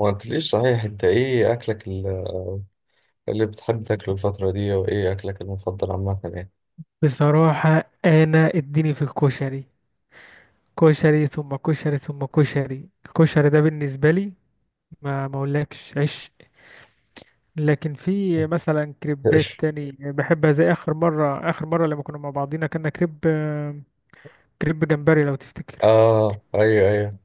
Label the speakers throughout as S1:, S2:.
S1: ما قلتليش صحيح، انت ايه اكلك اللي بتحب تاكله الفترة دي، وايه اكلك المفضل عامة يعني؟
S2: بصراحة، أنا اديني في الكشري. كشري ثم كشري ثم كشري، الكشري ده بالنسبة لي ما أقولكش عشق، لكن في مثلا كريبات
S1: ايش؟
S2: تاني بحبها. زي آخر مرة لما كنا مع بعضينا كنا كريب جمبري، لو تفتكر.
S1: اه ايوه ايوه.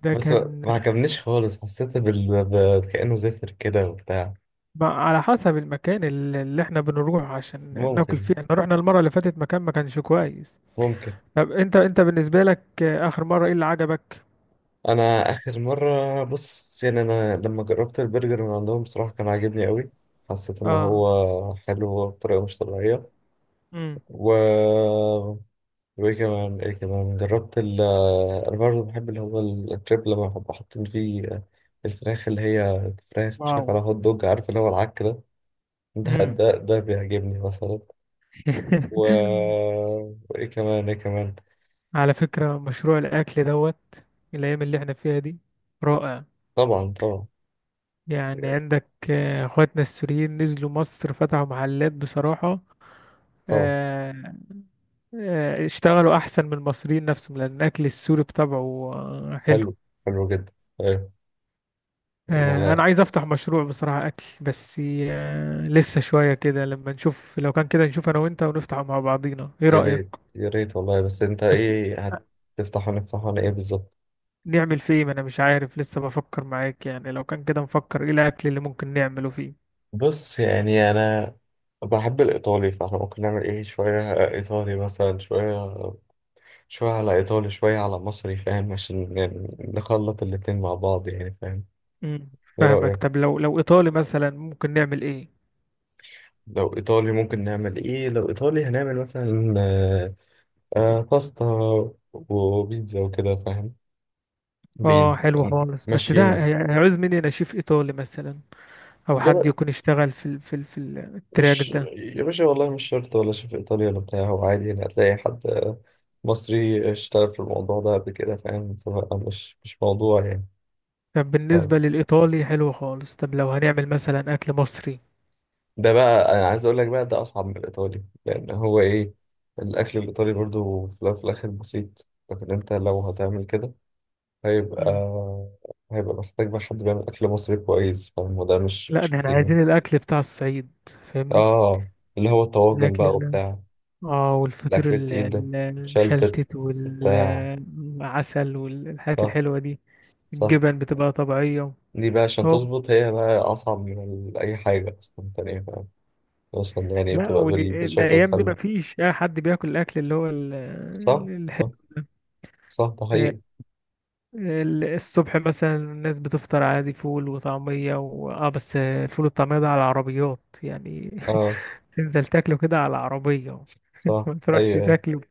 S2: ده
S1: بس ما
S2: كان
S1: ما عجبنيش خالص، حسيت كأنه زفر كده وبتاع.
S2: على حسب المكان اللي احنا بنروح عشان ناكل
S1: ممكن.
S2: فيه. احنا رحنا المرة اللي فاتت مكان ما كانش كويس.
S1: ممكن.
S2: طب انت بالنسبة لك آخر مرة ايه اللي عجبك؟
S1: انا اخر مرة، بص يعني، انا لما جربت البرجر من عندهم بصراحة كان عاجبني قوي. حسيت ان
S2: اه.
S1: هو حلو بطريقة مش طبيعية.
S2: امم.
S1: و وايه كمان جربت انا برضه بحب اللي هو الكريب، لما بحب حاطين فيه الفراخ اللي هي فراخ، مش
S2: واو.
S1: عارف، على هوت دوج، عارف اللي هو العك ده. ده
S2: امم.
S1: ده, ده بيعجبني مثلا. و... وايه كمان.
S2: على فكرة، مشروع الأكل دوت الأيام اللي احنا فيها دي رائع.
S1: طبعا طبعا.
S2: يعني عندك، اخواتنا السوريين نزلوا مصر فتحوا محلات بصراحة،
S1: طبعا.
S2: آه، اشتغلوا أحسن من المصريين نفسهم، لأن الأكل السوري بطبعه حلو.
S1: حلو. حلو جدا. ايوه. لا
S2: أنا
S1: لا.
S2: عايز أفتح مشروع بصراحة أكل. بس لسه شوية كده لما نشوف، لو كان كده نشوف أنا وأنت ونفتح مع بعضينا، إيه
S1: يا
S2: رأيك؟
S1: ريت يا ريت والله، بس انت
S2: بس
S1: ايه، هتفتح ونفتح ولا ايه بالظبط؟
S2: نعمل فيه إيه؟ ما انا مش عارف لسه، بفكر معاك يعني، لو كان كده نفكر ايه الاكل اللي ممكن نعمله فيه.
S1: بص يعني انا بحب الايطالي، فاحنا ممكن نعمل ايه، شويه ايطالي مثلا، شويه شوية على إيطالي، شوية على مصري، فاهم؟ عشان يعني نخلط الاتنين مع بعض يعني، فاهم؟
S2: امم.
S1: إيه
S2: فاهمك.
S1: رأيك؟
S2: طب لو ايطالي مثلا ممكن نعمل ايه؟
S1: لو إيطالي ممكن نعمل إيه؟ لو إيطالي هنعمل مثلا باستا وبيتزا وكده، فاهم؟
S2: اه، حلو
S1: بيتزا.
S2: خالص، بس ده
S1: ماشيين.
S2: هيعوز مني انا شيف ايطالي مثلا، او
S1: يا ب...
S2: حد يكون اشتغل التراك
S1: مش
S2: ده.
S1: يا باشا والله مش شرط، ولا شيف إيطالي ولا بتاع، هو عادي يعني، هتلاقي حد مصري اشتغل في الموضوع ده قبل كده، فاهم؟ فبقى مش موضوع يعني.
S2: طب بالنسبة للايطالي حلو خالص، طب لو هنعمل مثلا اكل مصري.
S1: ده بقى انا عايز اقول لك، بقى ده اصعب من الايطالي، لان هو ايه، الاكل الايطالي برضو في الأول وفي الاخر بسيط، لكن انت لو هتعمل كده هيبقى
S2: امم.
S1: هيبقى محتاج بقى حد بيعمل اكل مصري كويس، فاهم؟ وده مش
S2: لا،
S1: مش
S2: ده احنا
S1: كتير يعني.
S2: عايزين الاكل بتاع الصعيد، فاهمني؟
S1: اه، اللي هو الطواجن بقى
S2: الاكل،
S1: وبتاع.
S2: اه والفطير
S1: الاكل التقيل ده. شلتت.
S2: المشلتت
S1: بتاع.
S2: والعسل والحاجات
S1: صح.
S2: الحلوة دي.
S1: صح.
S2: الجبن بتبقى طبيعية.
S1: دي بقى عشان
S2: هو.
S1: تظبط، هي بقى اصعب من اي حاجه اصلا تانية، فاهم؟ اصلا يعني
S2: لا،
S1: بتبقى بالشكل
S2: والأيام دي
S1: الخل.
S2: مفيش أي حد بياكل الأكل اللي هو
S1: صح.
S2: الحلو
S1: صح. صح، ده
S2: ده.
S1: حقيقي.
S2: الصبح مثلا الناس بتفطر عادي، فول وطعمية، و... اه بس الفول والطعمية ده على العربيات يعني.
S1: اه.
S2: تنزل تاكله كده على العربية،
S1: صح
S2: ما تروحش
S1: ايوه ايوه.
S2: تاكله.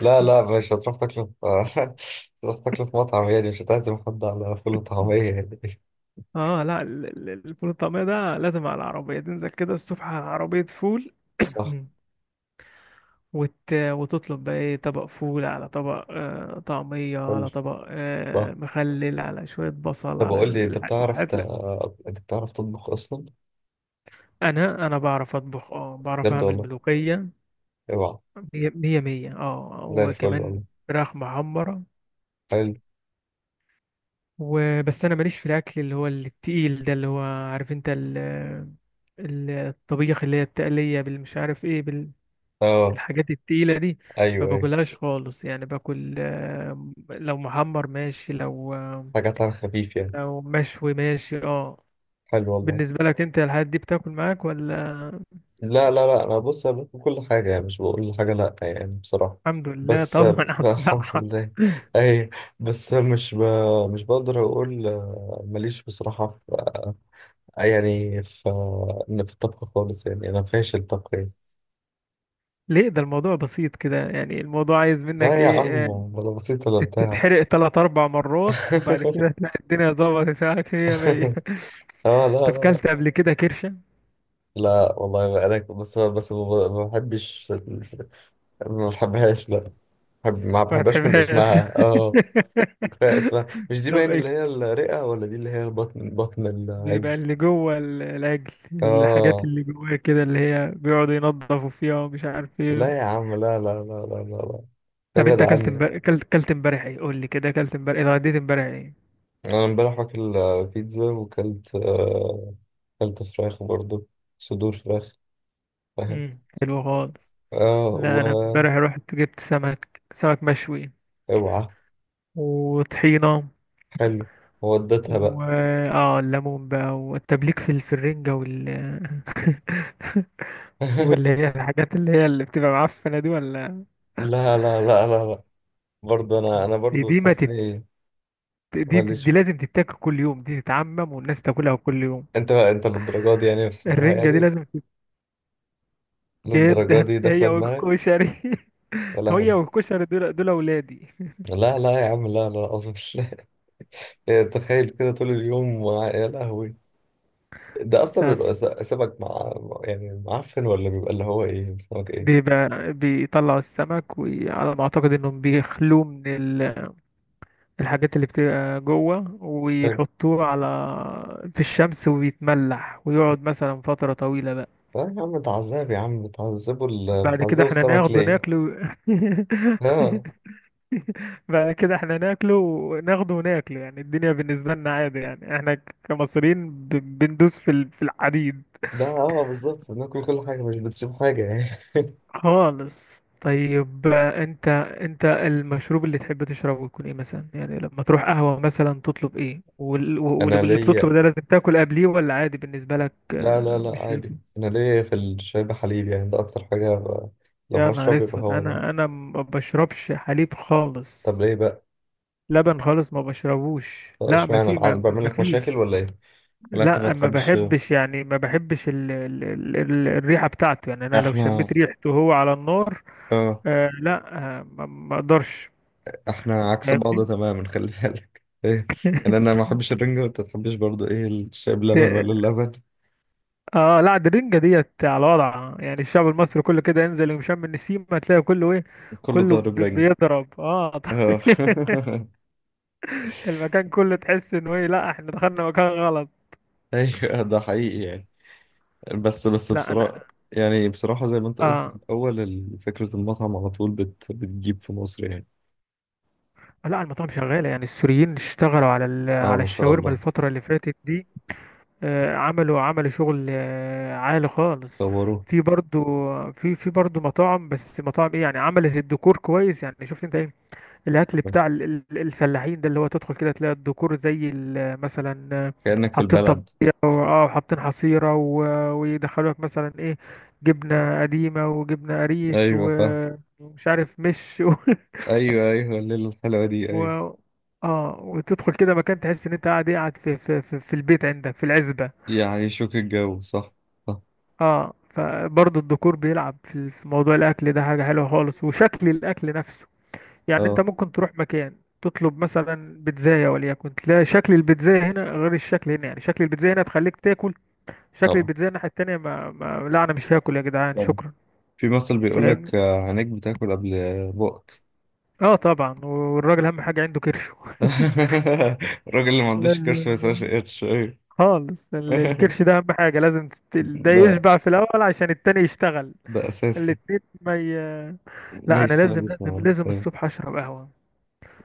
S1: لا لا، مش هتروح تاكله في تروح تاكله في مطعم يعني، مش هتعزم حد على فول وطعمية يعني.
S2: اه، لا، الفول الطعمية ده لازم على العربية، تنزل كده الصبح على عربية فول.
S1: صح.
S2: وتطلب بقى ايه، طبق فول، على طبق طعمية،
S1: حلو.
S2: على طبق
S1: صح.
S2: مخلل، على شوية بصل،
S1: طب
S2: على
S1: اقول لي، انت
S2: الحاجات. لا.
S1: انت بتعرف تطبخ اصلا؟
S2: انا بعرف اطبخ، اه بعرف
S1: بجد
S2: اعمل
S1: والله.
S2: ملوخية،
S1: اوعى.
S2: مية مية مية،
S1: زي الفل
S2: وكمان
S1: والله.
S2: فراخ محمرة.
S1: حلو.
S2: وبس، انا ماليش في الاكل اللي هو التقيل ده، اللي هو عارف انت الطبيخ اللي هي التقلية بالمش عارف ايه،
S1: اه
S2: الحاجات التقيلة دي، ما
S1: ايوه ايوه.
S2: باكلهاش خالص يعني. باكل، لو محمر ماشي،
S1: حاجات على خفيف يعني.
S2: لو مشوي ماشي. اه.
S1: حلو والله.
S2: بالنسبة لك انت الحاجات دي بتاكل معاك ولا؟
S1: لا لا لا، انا بص، انا باكل كل حاجه يعني، مش بقول حاجه لا، يعني بصراحه.
S2: الحمد لله
S1: بس
S2: طبعا على
S1: الحمد
S2: الصحة.
S1: لله. اي. بس مش ب... مش بقدر اقول ماليش بصراحه في آه، يعني ف إن في الطبخ خالص يعني، أنا فاشل طبخ يعني.
S2: ليه؟ ده الموضوع بسيط كده يعني، الموضوع عايز منك
S1: لا يا عم،
S2: ايه،
S1: ولا بسيط ولا بتاع.
S2: تتحرق تلات اربع مرات، وبعد كده تلاقي الدنيا ظبطت معاك هي مية.
S1: اه لا
S2: طب
S1: لا لا.
S2: كلت قبل كده كرشة؟
S1: لا والله انا بس ما بحبش ما بحبهاش، لا. بحب، ما
S2: ما
S1: بحبهاش من
S2: تحبهاش.
S1: اسمها، اه. كفايه اسمها، مش دي
S2: طب
S1: باين
S2: إيه؟
S1: اللي هي الرئه، ولا دي اللي هي بطن، بطن
S2: بيبقى
S1: العجل.
S2: اللي جوه العجل، الحاجات
S1: اه
S2: اللي جواه كده، اللي هي بيقعدوا ينضفوا فيها ومش عارف ايه.
S1: لا يا عم، لا.
S2: طب
S1: ابعد
S2: انت اكلت
S1: عني.
S2: امبارح، اكلت امبارح ايه، قول لي كده، اكلت امبارح ايه، اتغديت امبارح ايه؟
S1: انا امبارح واكل بيتزا، وكلت أكلت فراخ برضو، صدور فراخ، فاهم؟
S2: امم، حلو خالص.
S1: اه.
S2: لا انا
S1: و
S2: امبارح رحت جبت سمك مشوي،
S1: اوعى.
S2: وطحينه،
S1: حلو. وديتها
S2: و
S1: بقى.
S2: اه الليمون بقى، والتبليك في الرنجه واللي هي الحاجات اللي هي اللي بتبقى معفنه دي ولا؟
S1: لا لا لا لا لا. برضه انا، انا
S2: دي
S1: برضه
S2: دي ما
S1: بتحس
S2: تت...
S1: اني
S2: دي, دي, دي
S1: ماليش.
S2: لازم تتاكل كل يوم، دي تتعمم والناس تاكلها كل يوم.
S1: انت بقى، انت للدرجه دي يعني بتحبها
S2: الرنجة دي
S1: يعني؟
S2: لازم
S1: للدرجه
S2: جدا.
S1: دي
S2: هي
S1: داخله دماغك؟
S2: والكشري،
S1: يا
S2: هي
S1: لهوي.
S2: والكشري دول أولادي.
S1: لا لا يا عم، لا لا اظن. لا تخيل كده طول اليوم مع-، يا لهوي. ده اصلا
S2: الساس.
S1: بيبقى سمك مع، يعني معفن، ولا بيبقى اللي هو ايه، سمك
S2: دي
S1: ايه؟
S2: بقى بيطلعوا السمك، وعلى ما أعتقد إنهم بيخلوه من الحاجات اللي بتبقى جوه،
S1: حلو.
S2: ويحطوه على، في الشمس، ويتملح ويقعد مثلا فترة طويلة بقى.
S1: لا يا عم، تعذب يا عم،
S2: بعد كده
S1: بتعذبوا
S2: احنا
S1: السمك
S2: ناخده
S1: ليه؟
S2: ناكله،
S1: اه.
S2: بعد كده احنا ناكله وناخده وناكله. يعني الدنيا بالنسبة لنا عادي، يعني احنا كمصريين بندوس في الحديد.
S1: ده اه بالظبط، بناكل كل حاجة، مش بتسيب حاجة يعني.
S2: خالص. طيب انت المشروب اللي تحب تشربه يكون ايه مثلا؟ يعني لما تروح قهوة مثلا تطلب ايه،
S1: أنا
S2: واللي
S1: ليا،
S2: بتطلب ده لازم تاكل قبليه ولا عادي بالنسبة لك؟
S1: لا لا لا
S2: مش.
S1: عادي، أنا ليا في الشاي بحليب، يعني ده أكتر حاجة لو
S2: يا نهار
S1: هشرب يبقى
S2: اسود،
S1: هو ده.
S2: انا ما بشربش حليب
S1: طب
S2: خالص.
S1: ليه بقى؟
S2: لبن خالص ما بشربوش. لا، ما
S1: اشمعنى،
S2: في
S1: عاد
S2: ما.
S1: بعمل
S2: ما
S1: لك مشاكل
S2: فيش.
S1: ولا إيه؟ ولا أنت ما
S2: لا، ما
S1: تحبش؟
S2: بحبش يعني، ما بحبش ال الريحة بتاعته. يعني انا لو
S1: إحنا.
S2: شميت ريحته وهو على النار،
S1: اه.
S2: آه لا، ما اقدرش.
S1: إحنا عكس بعض
S2: فاهمني.
S1: تماما، خلي بالك. إيه، أنا، أنا ما أحبش الرنجة، وأنت ما تحبش برضه إيه، الشاي بلبن ولا
S2: ده-
S1: اللبن؟
S2: اه، لا، ده الرنجة ديت على وضع، يعني الشعب المصري كله كده، انزل ومشم النسيم هتلاقي كله ايه،
S1: كله
S2: كله
S1: ضارب رنجة.
S2: بيضرب، اه.
S1: اه.
S2: المكان كله تحس انه ايه، لا، احنا دخلنا مكان غلط.
S1: أيوه ده حقيقي يعني. بس
S2: لا انا.
S1: بصراحة، يعني بصراحة زي ما انت قلت في
S2: اه،
S1: الأول فكرة المطعم على طول بتجيب في مصر يعني.
S2: لا، المطاعم شغالة. يعني السوريين اشتغلوا
S1: اه،
S2: على
S1: ما شاء
S2: الشاورما
S1: الله.
S2: الفترة اللي فاتت دي. عملوا شغل عالي خالص.
S1: طوروه.
S2: في برضو في برضو مطاعم، بس مطاعم ايه، يعني عملت الديكور كويس. يعني شفت انت الاكل بتاع الفلاحين ده، اللي هو تدخل كده تلاقي الديكور، زي مثلا،
S1: كأنك في
S2: حاطين
S1: البلد.
S2: طبيخ، او حاطين حصيره، ويدخلوا لك مثلا ايه، جبنه قديمه وجبنه قريش،
S1: أيوة فاهم.
S2: ومش عارف مش و...
S1: أيوة أيوة، الليلة الحلوة دي،
S2: و...
S1: أيوة.
S2: اه، وتدخل كده مكان، تحس ان انت قاعد إيه، قاعد في البيت عندك في العزبه.
S1: يعيشوك الجو. صح. صح.
S2: اه، فبرضه الديكور بيلعب في موضوع الاكل ده، حاجه حلوه خالص، وشكل الاكل نفسه. يعني انت
S1: اه.
S2: ممكن تروح مكان تطلب مثلا بيتزاية وليكن، تلاقي شكل البيتزاية هنا غير الشكل هنا. يعني شكل البيتزاية هنا تخليك تاكل، شكل
S1: طبعا.
S2: البيتزاية الناحية التانية ما لا انا مش هاكل يا جدعان،
S1: طبعا.
S2: شكرا.
S1: في مثل بيقول
S2: فاهمني.
S1: لك عينيك بتاكل قبل بقك.
S2: اه طبعا، والراجل اهم حاجة عنده كرشه
S1: الراجل اللي ما عندوش
S2: لازم.
S1: كرش ما يسواش قرش. أيوة.
S2: خالص، الكرش ده اهم حاجة، لازم ده
S1: ده،
S2: يشبع في الاول عشان التاني يشتغل.
S1: ده أساسي.
S2: الاتنين ما لا، انا
S1: ماشي طبعا،
S2: لازم
S1: مش.
S2: لازم لازم الصبح اشرب قهوة،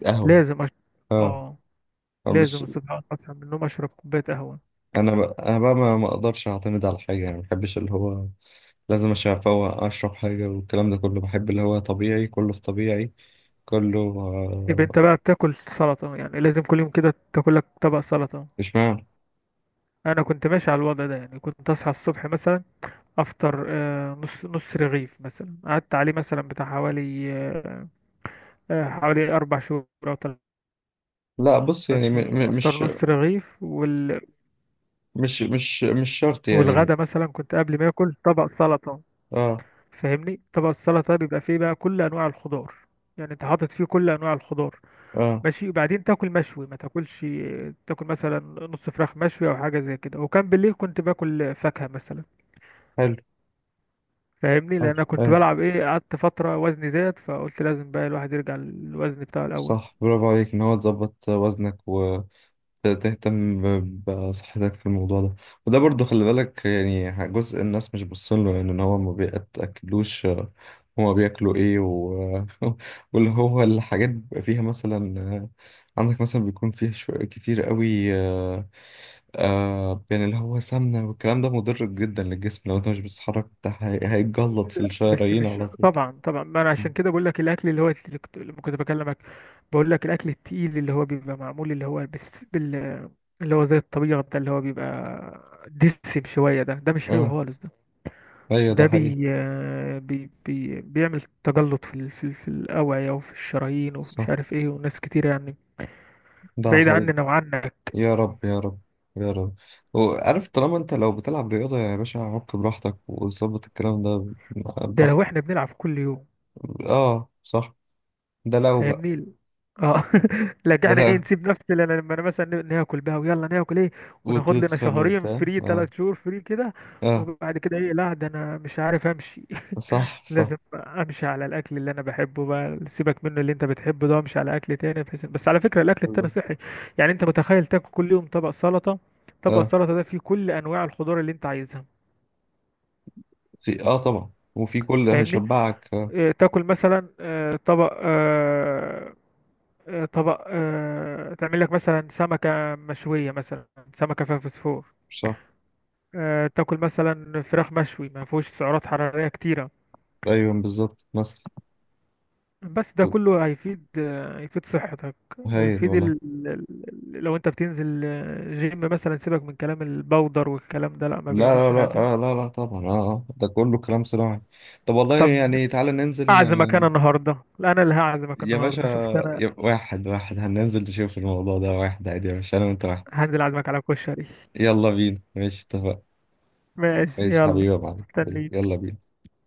S1: قهوة.
S2: لازم أشرب.
S1: اه.
S2: اه. لازم
S1: مش.
S2: الصبح اصحى من النوم اشرب كوباية قهوة.
S1: انا بقى ما اقدرش اعتمد على حاجه يعني، ما بحبش اللي هو لازم عشان افوق اشرب حاجه، والكلام ده كله. بحب اللي هو طبيعي، كله في طبيعي، كله
S2: يبقى انت بقى بتاكل سلطة يعني، لازم كل يوم كده تاكلك طبق سلطة.
S1: مش معنى.
S2: انا كنت ماشي على الوضع ده، يعني كنت اصحى الصبح مثلا، افطر نص رغيف مثلا، قعدت عليه مثلا بتاع حوالي، حوالي 4 شهور او ثلاث
S1: لا بص يعني، م...
S2: شهور
S1: م...
S2: افطر
S1: مش
S2: نص رغيف
S1: مش شرط
S2: والغدا
S1: يعني.
S2: مثلا كنت قبل ما اكل طبق سلطة.
S1: اه.
S2: فاهمني، طبق السلطة بيبقى فيه بقى كل انواع الخضار. يعني انت حاطط فيه كل انواع الخضار،
S1: اه.
S2: ماشي، وبعدين تاكل مشوي، ما تاكلش، تاكل مثلا نص فراخ مشوي او حاجه زي كده. وكان بالليل كنت باكل فاكهه مثلا.
S1: حلو.
S2: فاهمني، لان
S1: حلو
S2: انا كنت
S1: ايه.
S2: بلعب ايه، قعدت فتره وزني زاد، فقلت لازم بقى الواحد يرجع للوزن بتاعه الاول.
S1: صح، برافو عليك ان هو تظبط وزنك، تهتم بصحتك في الموضوع ده. وده برضو خلي بالك يعني، جزء الناس مش باصين له يعني، ان هو ما بيتاكلوش هما بياكلوا ايه و... واللي هو الحاجات بيبقى فيها مثلا عندك مثلا بيكون فيها شوية كتير قوي، يعني اللي هو سمنة، والكلام ده مضر جدا للجسم، لو انت مش بتتحرك انت هيتجلط في
S2: بس
S1: الشرايين
S2: مش،
S1: على طول.
S2: طبعا طبعا، ما انا
S1: مم.
S2: عشان كده بقول لك الاكل اللي هو اللي كنت لما كنت بكلمك، بقول لك الاكل التقيل اللي هو بيبقى معمول، اللي هو بس اللي هو زي الطبيعه ده، اللي هو بيبقى دسم شويه ده، ده مش حلو
S1: اه
S2: خالص ده.
S1: ايوه، ده
S2: ده
S1: حقيقي.
S2: بي آه، بي بي بيعمل تجلط في الأوعية، وفي الشرايين، وفي مش
S1: صح،
S2: عارف ايه، وناس كتير يعني،
S1: ده
S2: بعيد
S1: حقيقي.
S2: عننا وعنك.
S1: يا رب يا رب. يا رب. وعارف، طالما انت لو بتلعب رياضة يا باشا، عك براحتك وظبط الكلام ده.
S2: ده لو
S1: براحتك.
S2: احنا بنلعب كل يوم.
S1: اه صح. ده لو بقى.
S2: فاهمني. اه لكن
S1: ده
S2: احنا ايه،
S1: لو
S2: نسيب نفس لنا، لما انا مثلا ناكل بقى، ويلا ناكل ايه، وناخد لنا
S1: وتتخن
S2: شهرين
S1: وبتاع،
S2: فري،
S1: اه.
S2: ثلاث شهور فري كده،
S1: اه.
S2: وبعد كده ايه؟ لا، ده انا مش عارف امشي.
S1: صح صح.
S2: لازم امشي على الاكل اللي انا بحبه بقى، سيبك منه اللي انت بتحبه ده، امشي على اكل تاني، بحيث، بس على فكره الاكل التاني صحي. يعني انت متخيل تاكل كل يوم طبق سلطه، طبق
S1: اه.
S2: السلطه ده فيه كل انواع الخضار اللي انت عايزها.
S1: في اه طبعا، وفي كل
S2: فاهمني،
S1: هيشبعك آه.
S2: اه تاكل مثلا طبق طبق تعمل لك مثلا سمكه مشويه مثلا، سمكه فيها فوسفور.
S1: صح.
S2: اه، تاكل مثلا فراخ مشوي ما فيهوش سعرات حراريه كتيره.
S1: ايوه بالظبط مثلا.
S2: بس ده
S1: طب.
S2: كله هيفيد، هيفيد صحتك،
S1: هايل
S2: ويفيد
S1: والله.
S2: لو انت بتنزل جيم مثلا، سيبك من كلام البودر والكلام ده، لا، ما
S1: لا لا
S2: بيعملش
S1: لا
S2: حاجة.
S1: آه لا لا طبعا اه آه. ده كله كلام صناعي. طب والله
S2: طب
S1: يعني تعالى ننزل.
S2: اعزمك انا النهاردة، لا انا اللي هعزمك
S1: يا باشا،
S2: النهاردة، شفت انا،
S1: يا واحد واحد، هننزل نشوف الموضوع ده واحد عادي، يا باشا، انا وانت واحد.
S2: هنزل اعزمك على كشري.
S1: يلا بينا، ماشي، اتفقنا.
S2: ماشي
S1: ماشي حبيبي
S2: يلا.
S1: يا معلم، حبيبي
S2: مستني.
S1: يلا بينا.